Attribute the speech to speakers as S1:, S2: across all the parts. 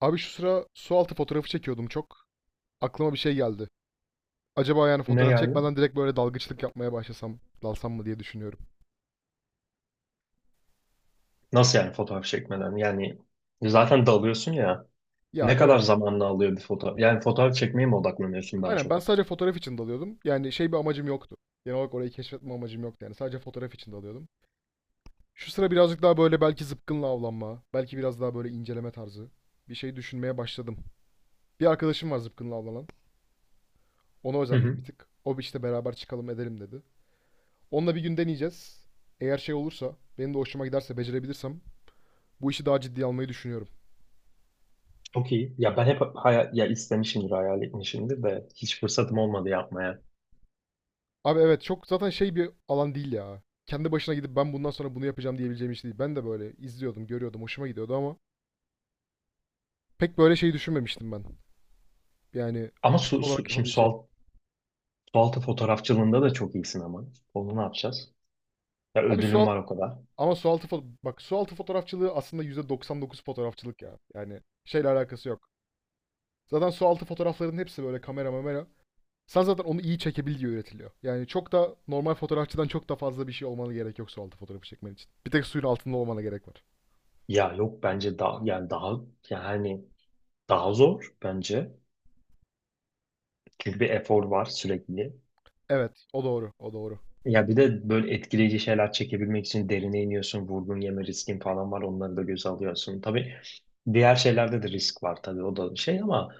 S1: Abi şu sıra su altı fotoğrafı çekiyordum çok. Aklıma bir şey geldi. Acaba yani
S2: Ne
S1: fotoğraf
S2: yani?
S1: çekmeden direkt böyle dalgıçlık yapmaya başlasam, dalsam mı diye düşünüyorum.
S2: Nasıl yani fotoğraf çekmeden? Yani zaten dalıyorsun ya.
S1: Ya
S2: Ne kadar
S1: evet.
S2: zamanını alıyor bir fotoğraf? Yani fotoğraf çekmeye mi odaklanıyorsun daha
S1: Aynen ben
S2: çok?
S1: sadece fotoğraf için dalıyordum. Yani şey bir amacım yoktu. Genel olarak orayı keşfetme amacım yoktu yani. Sadece fotoğraf için dalıyordum. Şu sıra birazcık daha böyle belki zıpkınla avlanma, belki biraz daha böyle inceleme tarzı bir şey düşünmeye başladım. Bir arkadaşım var zıpkınla avlanan. Ona
S2: Hı
S1: özendim bir
S2: hı.
S1: tık. O bir işte beraber çıkalım edelim dedi. Onunla bir gün deneyeceğiz. Eğer şey olursa, benim de hoşuma giderse, becerebilirsem bu işi daha ciddiye almayı düşünüyorum.
S2: Çok iyi. Ya ben hep hayal, ya istemişimdir, hayal etmişimdir de hiç fırsatım olmadı yapmaya.
S1: Abi evet çok zaten şey bir alan değil ya. Kendi başına gidip ben bundan sonra bunu yapacağım diyebileceğim iş değil. Ben de böyle izliyordum, görüyordum, hoşuma gidiyordu ama pek böyle şey düşünmemiştim ben. Yani
S2: Ama
S1: aktif
S2: su,
S1: olarak
S2: su, şimdi su,
S1: yapabileceğim.
S2: alt- su altı fotoğrafçılığında da çok iyisin ama. Onu ne yapacağız? Ya
S1: Abi su
S2: ödülüm
S1: altı
S2: var o kadar.
S1: ama su altı bak su altı fotoğrafçılığı aslında %99 fotoğrafçılık ya. Yani şeyle alakası yok. Zaten su altı fotoğrafların hepsi böyle kamera mamera. Sen zaten onu iyi çekebil diye üretiliyor. Yani çok da normal fotoğrafçıdan çok da fazla bir şey olmanı gerek yok su altı fotoğrafı çekmen için. Bir tek suyun altında olmana gerek var.
S2: Ya yok bence daha yani hani daha zor bence. Çünkü bir efor var sürekli.
S1: Evet, o doğru, o doğru.
S2: Ya bir de böyle etkileyici şeyler çekebilmek için derine iniyorsun, vurgun yeme riskin falan var, onları da göze alıyorsun. Tabii diğer şeylerde de risk var, tabii o da şey, ama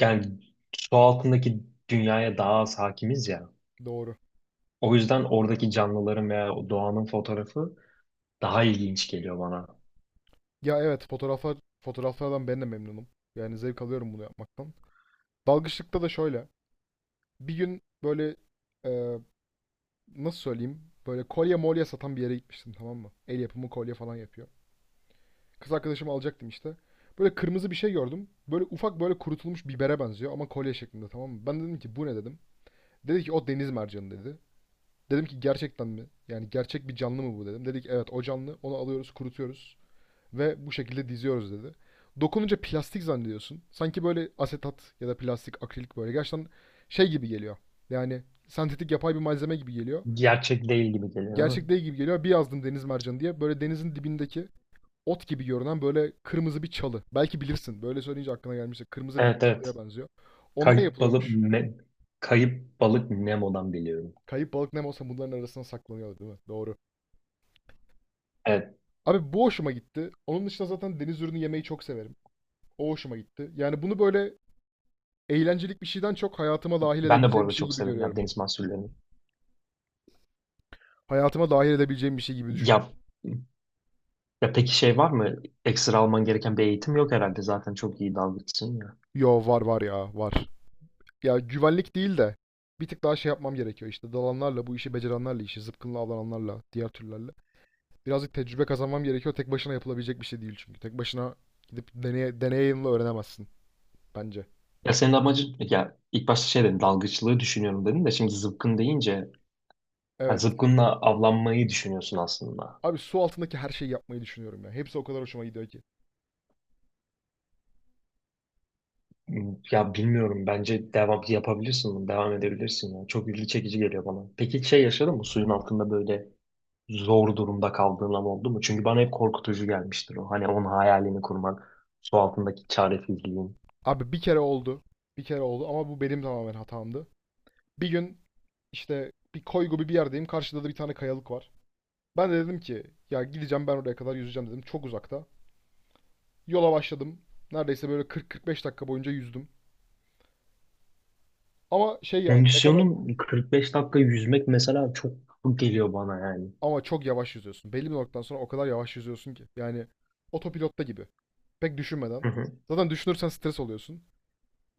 S2: yani su altındaki dünyaya daha az hakimiz ya.
S1: Doğru.
S2: O yüzden oradaki canlıların veya o doğanın fotoğrafı daha ilginç geliyor bana.
S1: Ya evet, fotoğraflar fotoğraflardan ben de memnunum. Yani zevk alıyorum bunu yapmaktan. Dalgıçlıkta da şöyle. Bir gün böyle e, nasıl söyleyeyim? Böyle kolye molye satan bir yere gitmiştim, tamam mı? El yapımı kolye falan yapıyor. Kız arkadaşımı alacaktım işte. Böyle kırmızı bir şey gördüm. Böyle ufak böyle kurutulmuş bibere benziyor ama kolye şeklinde, tamam mı? Ben dedim ki bu ne dedim. Dedi ki o deniz mercanı dedi. Dedim ki gerçekten mi? Yani gerçek bir canlı mı bu dedim. Dedik evet o canlı. Onu alıyoruz, kurutuyoruz ve bu şekilde diziyoruz dedi. Dokununca plastik zannediyorsun. Sanki böyle asetat ya da plastik, akrilik böyle gerçekten şey gibi geliyor. Yani sentetik yapay bir malzeme gibi geliyor.
S2: Gerçek değil gibi geliyor değil
S1: Gerçek
S2: mi?
S1: değil gibi geliyor. Bir yazdım deniz mercanı diye. Böyle denizin dibindeki ot gibi görünen böyle kırmızı bir çalı. Belki bilirsin. Böyle söyleyince aklına gelmişse kırmızı renkli
S2: Evet,
S1: çalıya
S2: evet.
S1: benziyor. Ondan
S2: Kayıp balık
S1: yapılıyormuş.
S2: ne, kayıp balık Nemo'dan biliyorum.
S1: Kayıp balık ne olsa bunların arasına saklanıyor değil mi? Doğru.
S2: Evet.
S1: Abi bu hoşuma gitti. Onun dışında zaten deniz ürünü yemeyi çok severim. O hoşuma gitti. Yani bunu böyle eğlencelik bir şeyden çok hayatıma dahil
S2: Ben de bu
S1: edebileceğim bir
S2: arada
S1: şey
S2: çok
S1: gibi
S2: severim ya
S1: görüyorum.
S2: deniz mahsullerini.
S1: Hayatıma dahil edebileceğim bir şey gibi düşünüyorum.
S2: Ya Ya peki şey var mı? Ekstra alman gereken bir eğitim yok herhalde. Zaten çok iyi dalgıçsın ya.
S1: Yo var ya var. Ya güvenlik değil de bir tık daha şey yapmam gerekiyor işte dalanlarla bu işi becerenlerle işi zıpkınla avlananlarla diğer türlerle. Birazcık tecrübe kazanmam gerekiyor. Tek başına yapılabilecek bir şey değil çünkü. Tek başına gidip deneye, deneyimle öğrenemezsin bence.
S2: Ya senin amacın, ya ilk başta şey dedin, dalgıçlığı düşünüyorum dedin, de şimdi zıpkın deyince ya
S1: Evet.
S2: zıpkınla avlanmayı düşünüyorsun aslında.
S1: Abi su altındaki her şeyi yapmayı düşünüyorum ya. Hepsi o kadar hoşuma gidiyor ki.
S2: Hmm, ya bilmiyorum, bence devam yapabilirsin bunu, devam edebilirsin ya. Çok ilgi çekici geliyor bana. Peki şey yaşadın mı suyun altında böyle zor durumda kaldığın an oldu mu? Çünkü bana hep korkutucu gelmiştir o. Hani onun hayalini kurmak, su altındaki çaresizliğin.
S1: Abi bir kere oldu. Bir kere oldu ama bu benim tamamen hatamdı. Bir gün İşte bir koy gibi bir yerdeyim. Karşıda da bir tane kayalık var. Ben de dedim ki ya gideceğim ben oraya kadar yüzeceğim dedim. Çok uzakta. Yola başladım. Neredeyse böyle 40-45 dakika boyunca yüzdüm. Ama şey yani ne kadar
S2: Kondisyonun 45 dakika yüzmek mesela çok geliyor bana yani.
S1: ama çok yavaş yüzüyorsun. Belli bir noktadan sonra o kadar yavaş yüzüyorsun ki. Yani otopilotta gibi. Pek düşünmeden.
S2: Hı hı.
S1: Zaten düşünürsen stres oluyorsun.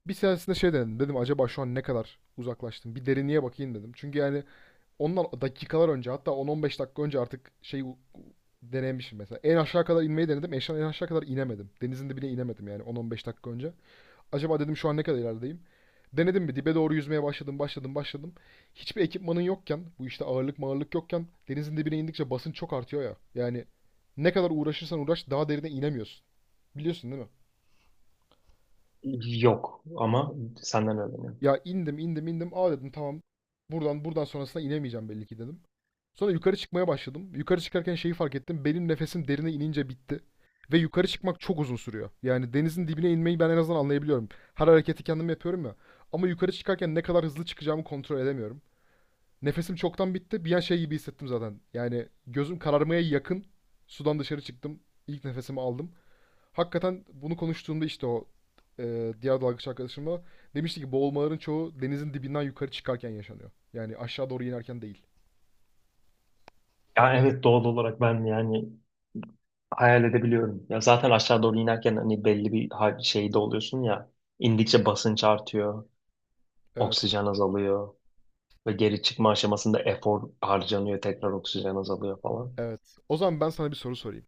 S1: Bir seansında şey dedim. Dedim acaba şu an ne kadar uzaklaştım? Bir derinliğe bakayım dedim. Çünkü yani ondan dakikalar önce hatta 10-15 dakika önce artık şey denemişim mesela. En aşağı kadar inmeyi denedim. En aşağı kadar inemedim. Denizin dibine inemedim yani 10-15 dakika önce. Acaba dedim şu an ne kadar ilerideyim? Denedim bir dibe doğru yüzmeye başladım. Hiçbir ekipmanın yokken, bu işte ağırlık mağırlık yokken denizin dibine indikçe basınç çok artıyor ya. Yani ne kadar uğraşırsan uğraş daha derine inemiyorsun. Biliyorsun değil mi?
S2: Yok ama senden öğreniyorum.
S1: Ya indim. Aa dedim tamam. Buradan sonrasına inemeyeceğim belli ki dedim. Sonra yukarı çıkmaya başladım. Yukarı çıkarken şeyi fark ettim. Benim nefesim derine inince bitti. Ve yukarı çıkmak çok uzun sürüyor. Yani denizin dibine inmeyi ben en azından anlayabiliyorum. Her hareketi kendim yapıyorum ya. Ama yukarı çıkarken ne kadar hızlı çıkacağımı kontrol edemiyorum. Nefesim çoktan bitti. Bir an şey gibi hissettim zaten. Yani gözüm kararmaya yakın. Sudan dışarı çıktım. İlk nefesimi aldım. Hakikaten bunu konuştuğumda işte o diğer dalgıç arkadaşımla demişti ki boğulmaların çoğu denizin dibinden yukarı çıkarken yaşanıyor. Yani aşağı doğru inerken değil.
S2: Ya evet, doğal olarak ben yani hayal edebiliyorum. Ya zaten aşağı doğru inerken hani belli bir şeyde oluyorsun ya. İndikçe basınç artıyor,
S1: Ee,
S2: oksijen azalıyor ve geri çıkma aşamasında efor harcanıyor, tekrar oksijen azalıyor falan.
S1: Evet. O zaman ben sana bir soru sorayım.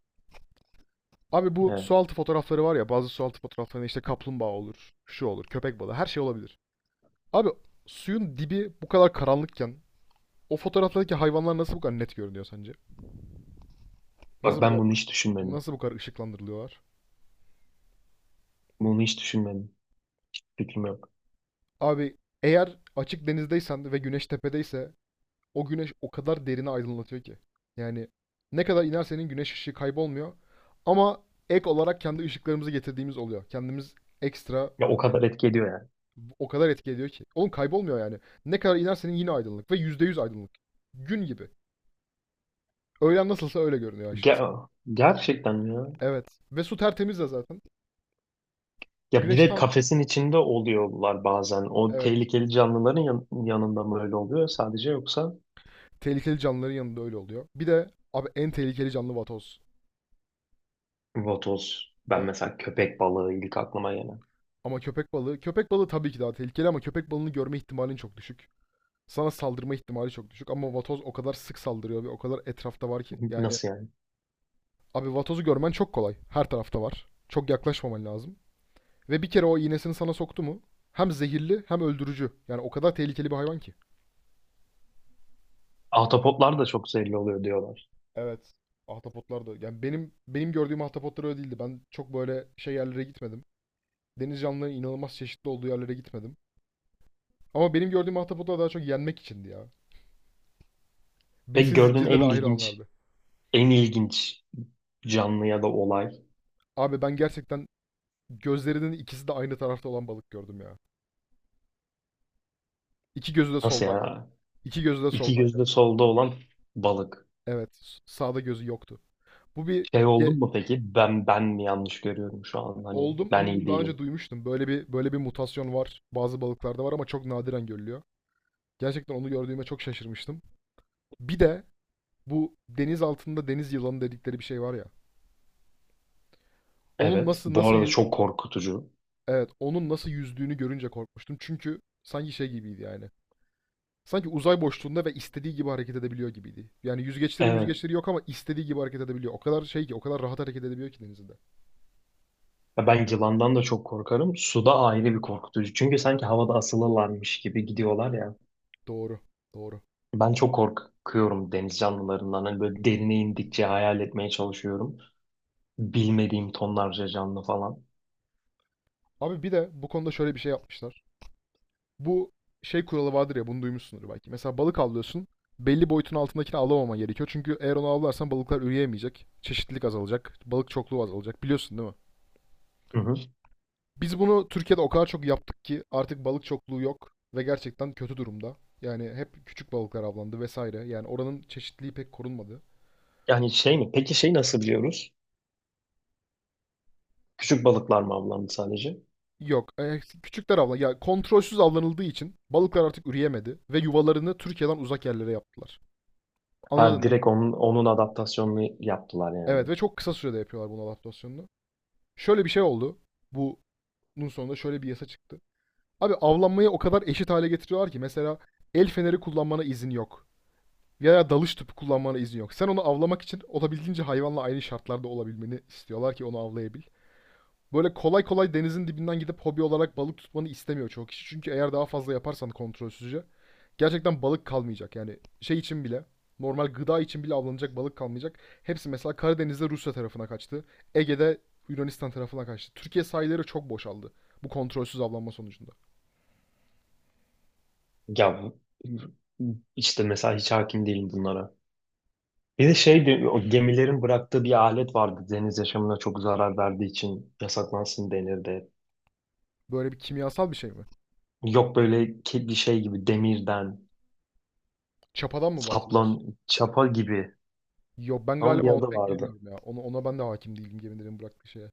S1: Abi bu
S2: Evet.
S1: sualtı fotoğrafları var ya bazı sualtı fotoğraflarında işte kaplumbağa olur, şu olur, köpek balığı her şey olabilir. Abi suyun dibi bu kadar karanlıkken o fotoğraflardaki hayvanlar nasıl bu kadar net görünüyor sence? Nasıl
S2: Bak
S1: bu
S2: ben
S1: kadar,
S2: bunu hiç düşünmedim.
S1: nasıl bu kadar ışıklandırılıyorlar?
S2: Bunu hiç düşünmedim. Fikrim yok.
S1: Abi eğer açık denizdeysen ve güneş tepedeyse o güneş o kadar derine aydınlatıyor ki. Yani ne kadar inersenin güneş ışığı kaybolmuyor ama ek olarak kendi ışıklarımızı getirdiğimiz oluyor. Kendimiz ekstra.
S2: Ya o kadar etki ediyor yani.
S1: O kadar etki ediyor ki. Oğlum kaybolmuyor yani. Ne kadar inersen yine aydınlık ve %100 aydınlık. Gün gibi. Öğlen nasılsa öyle görünüyor aşağısı.
S2: Ger- gerçekten ya.
S1: Evet. Ve su tertemiz de zaten.
S2: Ya bir
S1: Güneş
S2: de
S1: tam
S2: kafesin içinde oluyorlar bazen. O
S1: evet.
S2: tehlikeli canlıların yanında mı öyle oluyor sadece, yoksa
S1: Tehlikeli canlıların yanında öyle oluyor. Bir de abi en tehlikeli canlı vatoz.
S2: vatoz. Ben
S1: Evet.
S2: mesela köpek balığı ilk aklıma gelen.
S1: Ama köpek balığı tabii ki daha tehlikeli ama köpek balığını görme ihtimalin çok düşük. Sana saldırma ihtimali çok düşük ama vatoz o kadar sık saldırıyor ve o kadar etrafta var ki. Yani
S2: Nasıl yani?
S1: abi vatozu görmen çok kolay. Her tarafta var. Çok yaklaşmaman lazım. Ve bir kere o iğnesini sana soktu mu hem zehirli hem öldürücü. Yani o kadar tehlikeli bir hayvan ki.
S2: Ahtapotlar da çok zehirli oluyor diyorlar.
S1: Evet. Ahtapotlar da. Yani benim gördüğüm ahtapotlar öyle değildi. Ben çok böyle şey yerlere gitmedim. Deniz canlılarının inanılmaz çeşitli olduğu yerlere gitmedim. Ama benim gördüğüm ahtapotlar daha çok yenmek içindi ya.
S2: Peki
S1: Besin
S2: gördüğün
S1: zincirine dahil olanlardı.
S2: en ilginç canlı ya da olay
S1: Abi ben gerçekten gözlerinin ikisi de aynı tarafta olan balık gördüm ya. İki gözü de
S2: nasıl
S1: soldaydı.
S2: yani?
S1: İki gözü de
S2: İki
S1: soldaydı.
S2: gözde solda olan balık.
S1: Evet. Sağda gözü yoktu. Bu bir
S2: Şey
S1: ge-
S2: oldun mu peki? Ben mi yanlış görüyorum şu an? Hani
S1: oldum
S2: ben
S1: ama bunu
S2: iyi
S1: daha önce
S2: değilim.
S1: duymuştum. Böyle bir mutasyon var. Bazı balıklarda var ama çok nadiren görülüyor. Gerçekten onu gördüğüme çok şaşırmıştım. Bir de bu deniz altında deniz yılanı dedikleri bir şey var ya. Onun
S2: Evet. Bu arada çok korkutucu.
S1: evet onun nasıl yüzdüğünü görünce korkmuştum. Çünkü sanki şey gibiydi yani. Sanki uzay boşluğunda ve istediği gibi hareket edebiliyor gibiydi. Yani yüzgeçleri
S2: Evet.
S1: yüzgeçleri yok ama istediği gibi hareket edebiliyor. O kadar şey ki o kadar rahat hareket edebiliyor ki denizde.
S2: Ya ben yılandan da çok korkarım. Suda ayrı bir korkutucu. Çünkü sanki havada asılırlarmış gibi gidiyorlar ya.
S1: Doğru. Doğru.
S2: Ben çok korkuyorum deniz canlılarından. Hani böyle derine indikçe hayal etmeye çalışıyorum. Bilmediğim tonlarca canlı falan.
S1: Abi bir de bu konuda şöyle bir şey yapmışlar. Bu şey kuralı vardır ya bunu duymuşsundur belki. Mesela balık avlıyorsun. Belli boyutun altındakini avlamaman gerekiyor. Çünkü eğer onu avlarsan balıklar üreyemeyecek. Çeşitlilik azalacak. Balık çokluğu azalacak. Biliyorsun değil mi?
S2: Hı hı.
S1: Biz bunu Türkiye'de o kadar çok yaptık ki artık balık çokluğu yok ve gerçekten kötü durumda. Yani hep küçük balıklar avlandı vesaire. Yani oranın çeşitliliği pek korunmadı.
S2: Yani şey mi? Peki şey nasıl biliyoruz? Küçük balıklar mı avlandı sadece?
S1: Yok. Küçükler avlan. Ya kontrolsüz avlanıldığı için balıklar artık üreyemedi ve yuvalarını Türkiye'den uzak yerlere yaptılar.
S2: Ha,
S1: Anladın değil mi?
S2: direkt onun adaptasyonunu yaptılar yani.
S1: Evet ve çok kısa sürede yapıyorlar bunu adaptasyonunu. Şöyle bir şey oldu. Bunun sonunda şöyle bir yasa çıktı. Abi avlanmayı o kadar eşit hale getiriyorlar ki mesela el feneri kullanmana izin yok. Veya dalış tüpü kullanmana izin yok. Sen onu avlamak için olabildiğince hayvanla aynı şartlarda olabilmeni istiyorlar ki onu avlayabil. Böyle kolay kolay denizin dibinden gidip hobi olarak balık tutmanı istemiyor çoğu kişi. Çünkü eğer daha fazla yaparsan kontrolsüzce gerçekten balık kalmayacak. Yani şey için bile normal gıda için bile avlanacak balık kalmayacak. Hepsi mesela Karadeniz'de Rusya tarafına kaçtı. Ege'de Yunanistan tarafına kaçtı. Türkiye sahilleri çok boşaldı bu kontrolsüz avlanma sonucunda.
S2: Ya işte mesela hiç hakim değilim bunlara. Bir de şeydi, o gemilerin bıraktığı bir alet vardı, deniz yaşamına çok zarar verdiği için yasaklansın denirdi.
S1: Böyle bir kimyasal bir şey mi?
S2: Yok böyle bir şey gibi demirden,
S1: Çapadan mı bahsediyorsun?
S2: saplan, çapa gibi,
S1: Yok ben
S2: ama
S1: galiba
S2: bir
S1: onu
S2: adı
S1: pek
S2: vardı.
S1: bilmiyorum ya. Onu, ona ben de hakim değilim gemilerin bıraktığı şeye.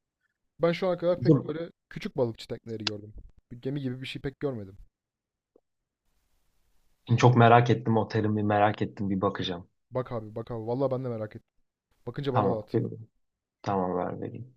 S1: Ben şu ana kadar pek
S2: Dur,
S1: böyle küçük balıkçı tekneleri gördüm. Bir gemi gibi bir şey pek görmedim.
S2: şimdi çok merak ettim, o terimi merak ettim, bir bakacağım.
S1: Bak abi bak abi. Vallahi ben de merak ettim. Bakınca bana da
S2: Tamam,
S1: at.
S2: tamam, ver vereyim.